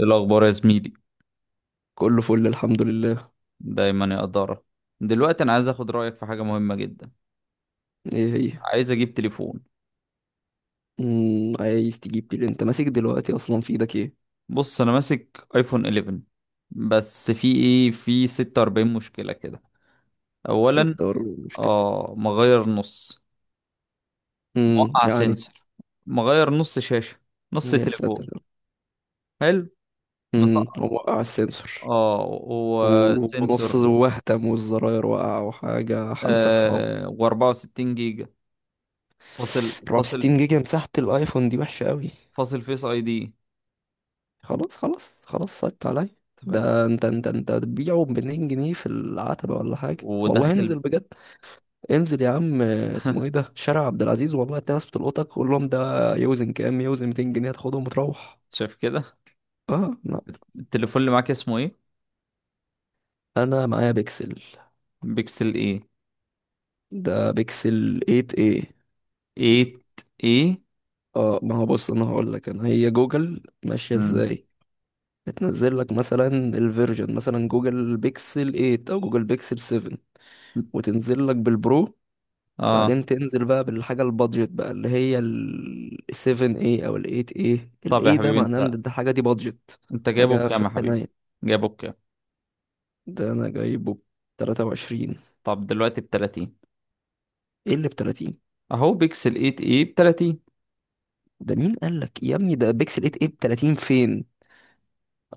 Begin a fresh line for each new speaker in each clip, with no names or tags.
إيه الأخبار يا زميلي؟
كله فل الحمد لله.
دايما يا قدارة. دلوقتي أنا عايز أخد رأيك في حاجة مهمة جدا.
ايه هي؟
عايز أجيب تليفون.
عايز تجيب بيل، انت ماسك دلوقتي اصلا في ايدك ايه؟
بص أنا ماسك آيفون 11، بس في إيه، في 46 مشكلة كده. أولا،
ستة ولا مشكلة.
آه، مغير نص. وقع
يعني.
سنسور. مغير نص شاشة. نص
يا
تليفون.
ساتر.
حلو. مسقط.
هو وقع السنسور
آه،
ونص
وسنسور.
وهتم والزراير وقع وحاجة، حالتك صعبة.
آه، و64 جيجا. فاصل،
64
فاصل،
جيجا مساحة الايفون دي وحشة قوي.
فاصل فيس أي دي.
خلاص خلاص خلاص، صعبت عليا.
تمام.
ده انت هتبيعه ب 200 جنيه في العتبة ولا حاجة؟ والله
وداخل.
انزل بجد، انزل يا عم. اسمه ايه ده، شارع عبد العزيز، والله هتلاقي ناس بتلقطك، قول لهم ده يوزن كام. يوزن 200 جنيه، تاخدهم وتروح.
شايف كده.
اه لا،
التليفون اللي معاك اسمه إيه؟
انا معايا بيكسل.
بيكسل ايه؟
ده بيكسل 8 ايه.
8 ايه؟
اه، ما هو بص، انا هقول لك انا هي جوجل ماشيه
امم.
ازاي. بتنزل لك مثلا الفيرجن، مثلا جوجل بيكسل 8 او جوجل بيكسل 7، وتنزل لك بالبرو،
اه.
بعدين تنزل بقى بالحاجه البادجت، بقى اللي هي ال 7 ايه او ال 8 ايه. ال
طب يا
8 ده
حبيبي،
معناه ان
انت
ده الحاجه دي بادجت.
انت جايبه
حاجه في
بكام يا حبيبي؟
الحنايه.
جايبه بكام؟
ده انا جايبه ب 23.
طب دلوقتي ب 30؟
ايه اللي ب 30؟
اهو بيكسل 8 ايه ب 30.
ده مين قال لك يا ابني ده بيكسل 8 ايه ب 30 فين؟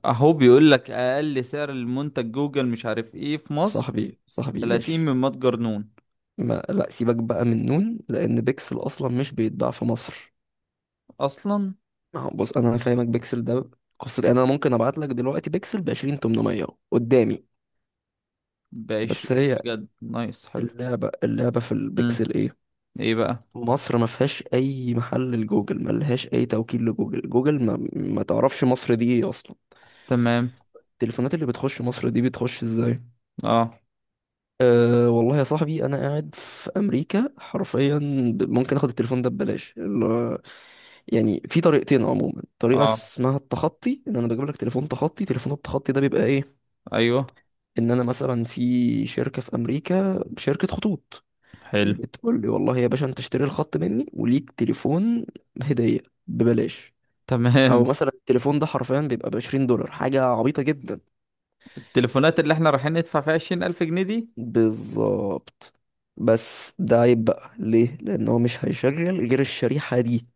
اهو بيقول لك اقل سعر المنتج جوجل مش عارف ايه في مصر
صاحبي صاحبي،
30
ماشي.
من متجر نون.
ما لا، سيبك بقى من نون، لان بيكسل اصلا مش بيتباع في مصر.
اصلا
ما هو بص انا فاهمك، بيكسل ده قصة. يعني انا ممكن ابعت لك دلوقتي بيكسل ب 20، 800 قدامي.
ب
بس
20،
هي
بجد؟ نايس، حلو.
اللعبة، اللعبة في
امم.
البيكسل ايه؟
ايه بقى؟
مصر ما فيهاش اي محل لجوجل، ما لهاش اي توكيل لجوجل، جوجل ما تعرفش مصر دي ايه اصلا.
تمام.
التليفونات اللي بتخش مصر دي بتخش ازاي؟
اه،
أه والله يا صاحبي، انا قاعد في امريكا حرفيا. ممكن اخد التليفون ده ببلاش، يعني في طريقتين عموما. طريقه
اه،
اسمها التخطي، ان انا بجيب لك تليفون تخطي. تليفون التخطي ده بيبقى ايه؟
ايوه.
ان انا مثلا في شركه في امريكا، شركه خطوط،
حلو.
بتقول لي والله يا باشا انت اشتري الخط مني وليك تليفون هديه، ببلاش. او
تمام.
مثلا التليفون ده حرفيا بيبقى ب 20 دولار، حاجه عبيطه جدا.
التليفونات اللي احنا رايحين ندفع فيها 20000 جنيه دي.
بالظبط. بس ده عيب بقى، ليه؟ لان هو مش هيشغل غير الشريحه دي.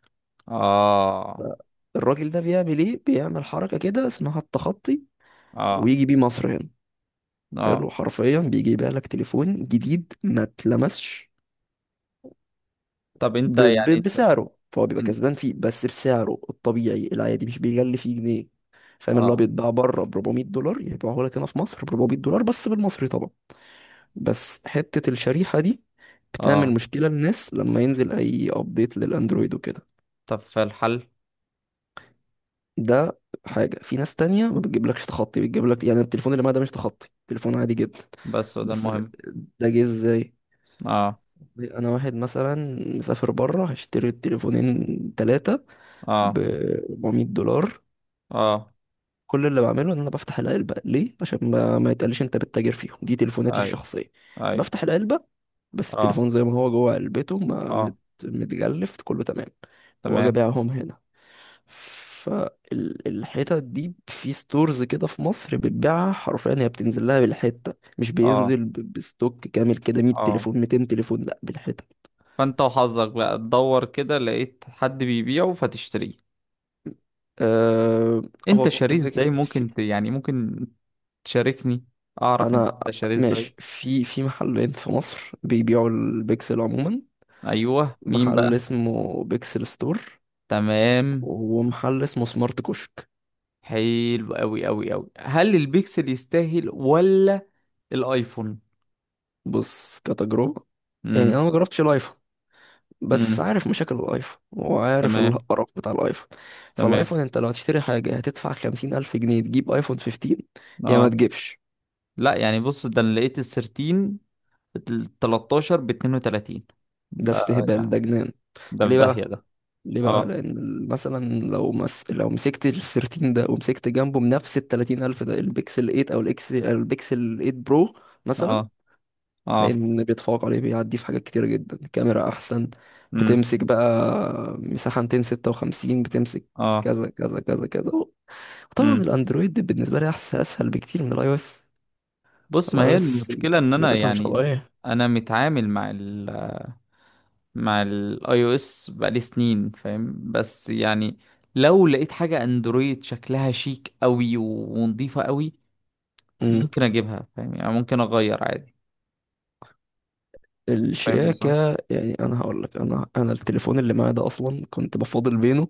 اه،
الراجل ده بيعمل ايه؟ بيعمل حركة كده اسمها التخطي،
اه،
ويجي بيه مصر هنا.
اه.
حلو، حرفيا بيجي يبيع لك تليفون جديد ما اتلمسش،
طب انت، يعني انت،
بسعره. فهو بيبقى
ان-
كسبان فيه، بس بسعره الطبيعي العادي، مش بيغلي فيه جنيه. فاهم؟ اللي هو
اه،
بيتباع بره ب 400 دولار، يبيعه لك هنا في مصر ب 400 دولار، بس بالمصري طبعا. بس حتة الشريحة دي بتعمل
اه.
مشكلة للناس لما ينزل اي ابديت للاندرويد وكده.
طب في الحل؟
ده حاجة، في ناس تانية ما بتجيبلكش تخطي، بتجيبلك يعني التليفون اللي معاه ده مش تخطي، تليفون عادي جدا.
بس وده
بس ده،
المهم.
ده جه ازاي؟
اه،
انا واحد مثلا مسافر بره، هشتري التليفونين، تلاتة، ب
اه،
400 دولار.
اه.
كل اللي بعمله ان انا بفتح العلبه، ليه؟ عشان ما يتقاليش انت بتتاجر فيهم، دي تليفوناتي
اي،
الشخصيه.
اي.
بفتح العلبه، بس
اه،
التليفون زي ما هو جوه علبته، ما
اه.
متجلف، كله تمام. واجي
تمام.
ابيعهم هنا، فالحتت دي في ستورز كده في مصر بتبيعها حرفيا، هي بتنزل لها بالحته، مش
اه،
بينزل بستوك كامل كده 100
اه.
تليفون 200 تليفون، لا، بالحته.
فانت وحظك بقى تدور كده، لقيت حد بيبيعه فتشتريه.
أه.
انت
هو
شاريه
كده
ازاي؟
كده.
ممكن يعني ممكن تشاركني؟ اعرف انت
انا
شاريه ازاي.
ماشي في محلين في مصر بيبيعوا البيكسل عموما،
ايوه، مين
محل
بقى؟
اسمه بيكسل ستور
تمام.
ومحل اسمه سمارت كشك.
حلو قوي قوي قوي. هل البيكسل يستاهل ولا الايفون؟
بص كتجربة، يعني
امم.
انا ما جربتش الايفون، بس
امم.
عارف مشاكل الايفون وعارف
تمام.
القرف بتاع الايفون.
تمام.
فالايفون انت لو هتشتري حاجة هتدفع خمسين الف جنيه تجيب ايفون 15، يا ما
اه.
تجيبش.
لا يعني، بص، ده انا لقيت ال 13، ال 13 ب 32
ده
ده.
استهبال،
يعني
ده جنان.
ده في
ليه
داهية
بقى؟
ده.
ليه بقى؟
اه،
لان مثلا لو لو مسكت ال 13 ده ومسكت جنبه بنفس ال 30000 ده البيكسل 8 او الاكس، البيكسل 8 برو مثلا،
اه،
تلاقي
اه.
ان بيتفوق عليه، بيعدي في حاجات كتيره جدا، كاميرا احسن،
امم.
بتمسك بقى مساحه 256، بتمسك
اه.
كذا كذا كذا كذا. وطبعا
امم.
الاندرويد بالنسبه لي احسن، اسهل بكتير من الاي او اس.
بص، ما
الاي او
هي
اس
المشكلة ان انا
جاتتها مش
يعني،
طبيعيه.
انا متعامل مع ال مع الاي او اس بقالي سنين، فاهم. بس يعني لو لقيت حاجة اندرويد شكلها شيك قوي ونظيفة قوي
امم.
ممكن اجيبها، فاهم يعني. ممكن اغير عادي. فاهم صح.
الشياكه، يعني انا هقول لك، انا التليفون اللي معايا ده اصلا كنت بفاضل بينه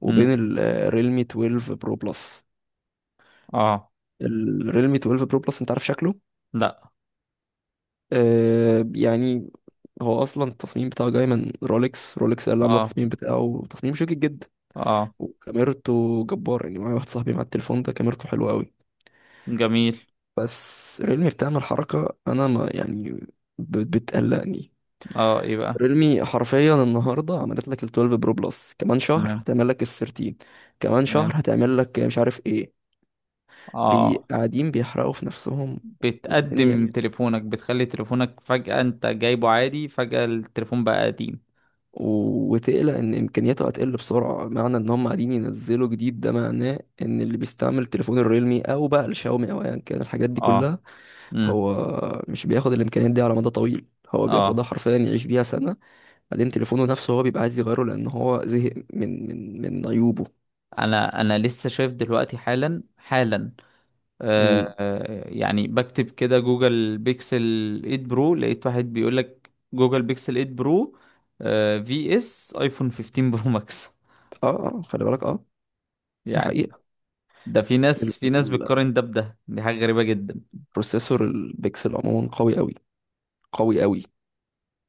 وبين
امم.
الريلمي 12 برو بلس.
اه.
الريلمي 12 برو بلس انت عارف شكله؟
لا.
يعني، هو اصلا التصميم بتاعه جاي من رولكس. رولكس هي اللي عامله
اه،
التصميم بتاعه، تصميم شيك جدا،
اه،
وكاميرته جبار، يعني معايا واحد صاحبي مع التليفون ده، كاميرته حلوه قوي.
جميل.
بس ريلمي بتعمل حركه انا ما يعني، بتقلقني.
اه، ايه بقى؟
ريلمي حرفيا النهارده عملت لك ال 12 برو بلس، كمان شهر
تمام.
هتعمل لك ال 13، كمان شهر
تمام.
هتعمل لك مش عارف ايه.
اه.
قاعدين بيحرقوا في نفسهم والدنيا،
بتقدم تليفونك، بتخلي تليفونك فجأة، انت جايبه عادي فجأة التليفون بقى قديم.
وتقلق ان امكانياته هتقل بسرعه، معنى ان هم قاعدين ينزلوا جديد، ده معناه ان اللي بيستعمل التليفون الريلمي او بقى الشاومي او ايا كان، الحاجات دي
اه.
كلها
امم.
هو مش بياخد الامكانيات دي على مدى طويل، هو
اه.
بياخدها حرفيا يعيش بيها سنه، بعدين تليفونه نفسه هو بيبقى عايز يغيره لان هو زهق من عيوبه.
انا لسه شايف دلوقتي حالا حالا. آه،
امم.
آه، يعني بكتب كده جوجل بيكسل 8 برو، لقيت واحد بيقول لك جوجل بيكسل 8 برو آه في اس ايفون 15 برو ماكس.
اه. آه، خلي بالك، اه، دي
يعني،
حقيقه.
ده في
ال-
ناس في ناس
ال-
بتقارن ده بده. دي حاجة غريبة جدا.
البروسيسور البيكسل عموما قوي قوي قوي قوي.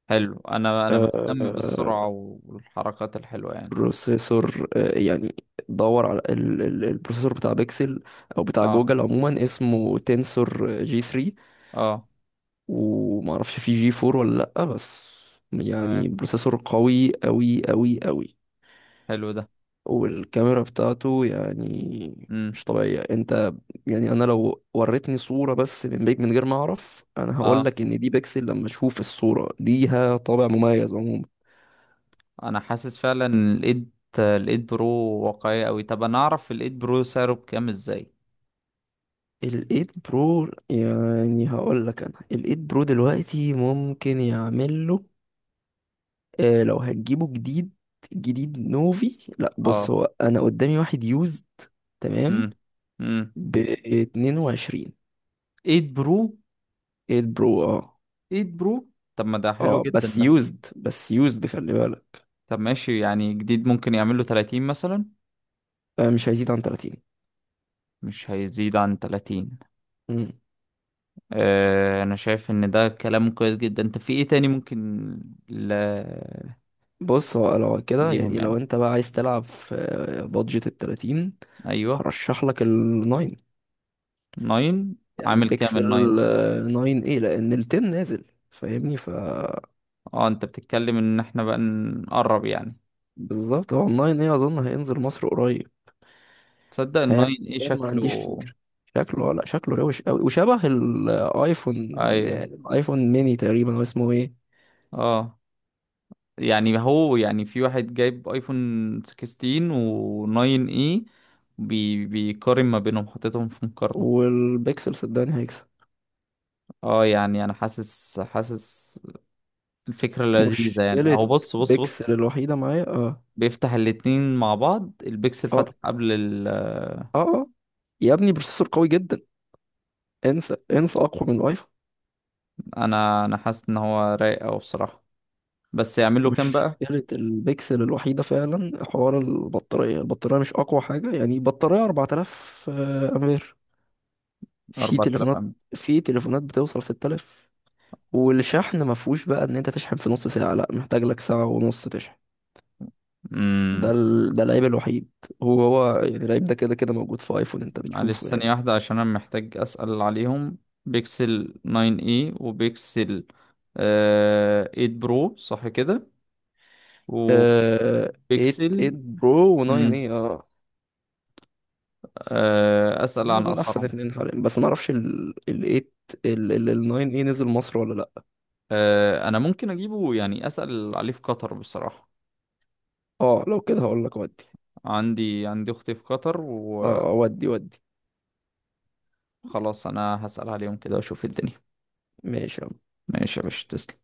حلو. انا بهتم بالسرعة والحركات الحلوة يعني.
بروسيسور، يعني، دور على البروسيسور بتاع بيكسل او بتاع
اه،
جوجل عموما، اسمه تنسور جي 3.
اه.
ومعرفش في جي 4 ولا لأ. بس
تمام.
يعني بروسيسور قوي قوي قوي قوي.
حلو ده.
والكاميرا بتاعته يعني
امم.
مش طبيعية. انت يعني انا لو وريتني صورة بس من بيك من غير ما اعرف، انا
اه.
هقولك ان دي بيكسل. لما اشوف الصورة ليها طابع مميز عموما.
انا حاسس فعلا إن الايد برو واقعية قوي. طب انا اعرف الايد برو سعره بكام ازاي؟
الايد برو، يعني هقول لك، انا الايد برو دلوقتي ممكن يعمل له، آه، لو هتجيبه جديد جديد نوفي، لا. بص
اه.
هو انا قدامي واحد يوزد، تمام،
امم. امم.
ب 22،
ايد برو.
8 برو، اه.
ايد برو. طب ما ده حلو
اه
جدا
بس
ده.
يوزد، بس يوزد، خلي بالك.
طب ماشي، يعني جديد ممكن يعمل له 30 مثلا؟
آه مش هيزيد عن 30.
مش هيزيد عن 30؟
مم.
آه، انا شايف ان ده كلام كويس جدا. انت في ايه تاني ممكن ل...
بص، هو لو كده
ليهم
يعني
يعني؟
لو انت بقى عايز تلعب في بادجت ال 30،
ايوه.
هرشح لك ال 9.
9.
يعني
عامل كام ال
بيكسل،
9؟
9 ايه، لان ال 10 نازل. فاهمني؟ ف
اه، انت بتتكلم ان احنا بقى نقرب يعني.
بالظبط، هو ال 9 ايه اظن هينزل مصر قريب.
تصدق ال 9.
هيعمل
ايه
كام؟ ما عنديش
شكله؟
فكرة. شكله، لا شكله روش قوي وشبه الايفون،
ايوه.
يعني الايفون ميني تقريبا. هو اسمه ايه؟
اه، يعني هو، يعني في واحد جايب ايفون 16 و 9 اي، بيقارن ما بينهم، حاططهم في مقارنة.
والبيكسل صدقني هيكسب.
اه، يعني انا حاسس الفكرة لذيذة يعني. اهو،
مشكلة
بص، بص، بص،
بيكسل الوحيدة معايا، اه.
بيفتح الاتنين مع بعض، البيكسل
اه
فتح قبل
اه. اه يا ابني بروسيسور قوي جدا، انسى انسى، اقوى من الايفون.
انا حاسس ان هو رايق اوي بصراحة. بس يعمل له كام
مش
بقى؟
مشكلة البكسل الوحيدة فعلا، حوار البطارية. البطارية مش أقوى حاجة. يعني بطارية 4000، أمبير، في
4000
تليفونات،
أم.
في تليفونات بتوصل 6000، والشحن ما فيهوش بقى إن أنت تشحن في نص ساعة، لأ محتاج لك ساعة ونص تشحن.
أمم،
ده العيب الوحيد. هو يعني العيب ده كده كده موجود في ايفون، انت
معلش
بتشوفه يعني.
ثانية واحدة عشان أنا محتاج أسأل عليهم. بيكسل 9 اي، وبيكسل 8 برو صح كده؟
آه... 8، 8
وبيكسل.
برو و9
مم.
اي، اه.
آه، أسأل
هما
عن
دول احسن
أسعارهم.
اتنين حاليا، بس ما اعرفش ال 8، ال 9 اي نزل مصر ولا لا.
آه، أنا ممكن أجيبه، يعني أسأل عليه في قطر بصراحة.
اه لو كده هقول لك، ودي،
عندي أختي في قطر
اه،
وخلاص.
آه، ودي ودي.
أنا هسأل عليهم كده وأشوف الدنيا.
ماشي يلا.
ماشي يا باشا، تسلم.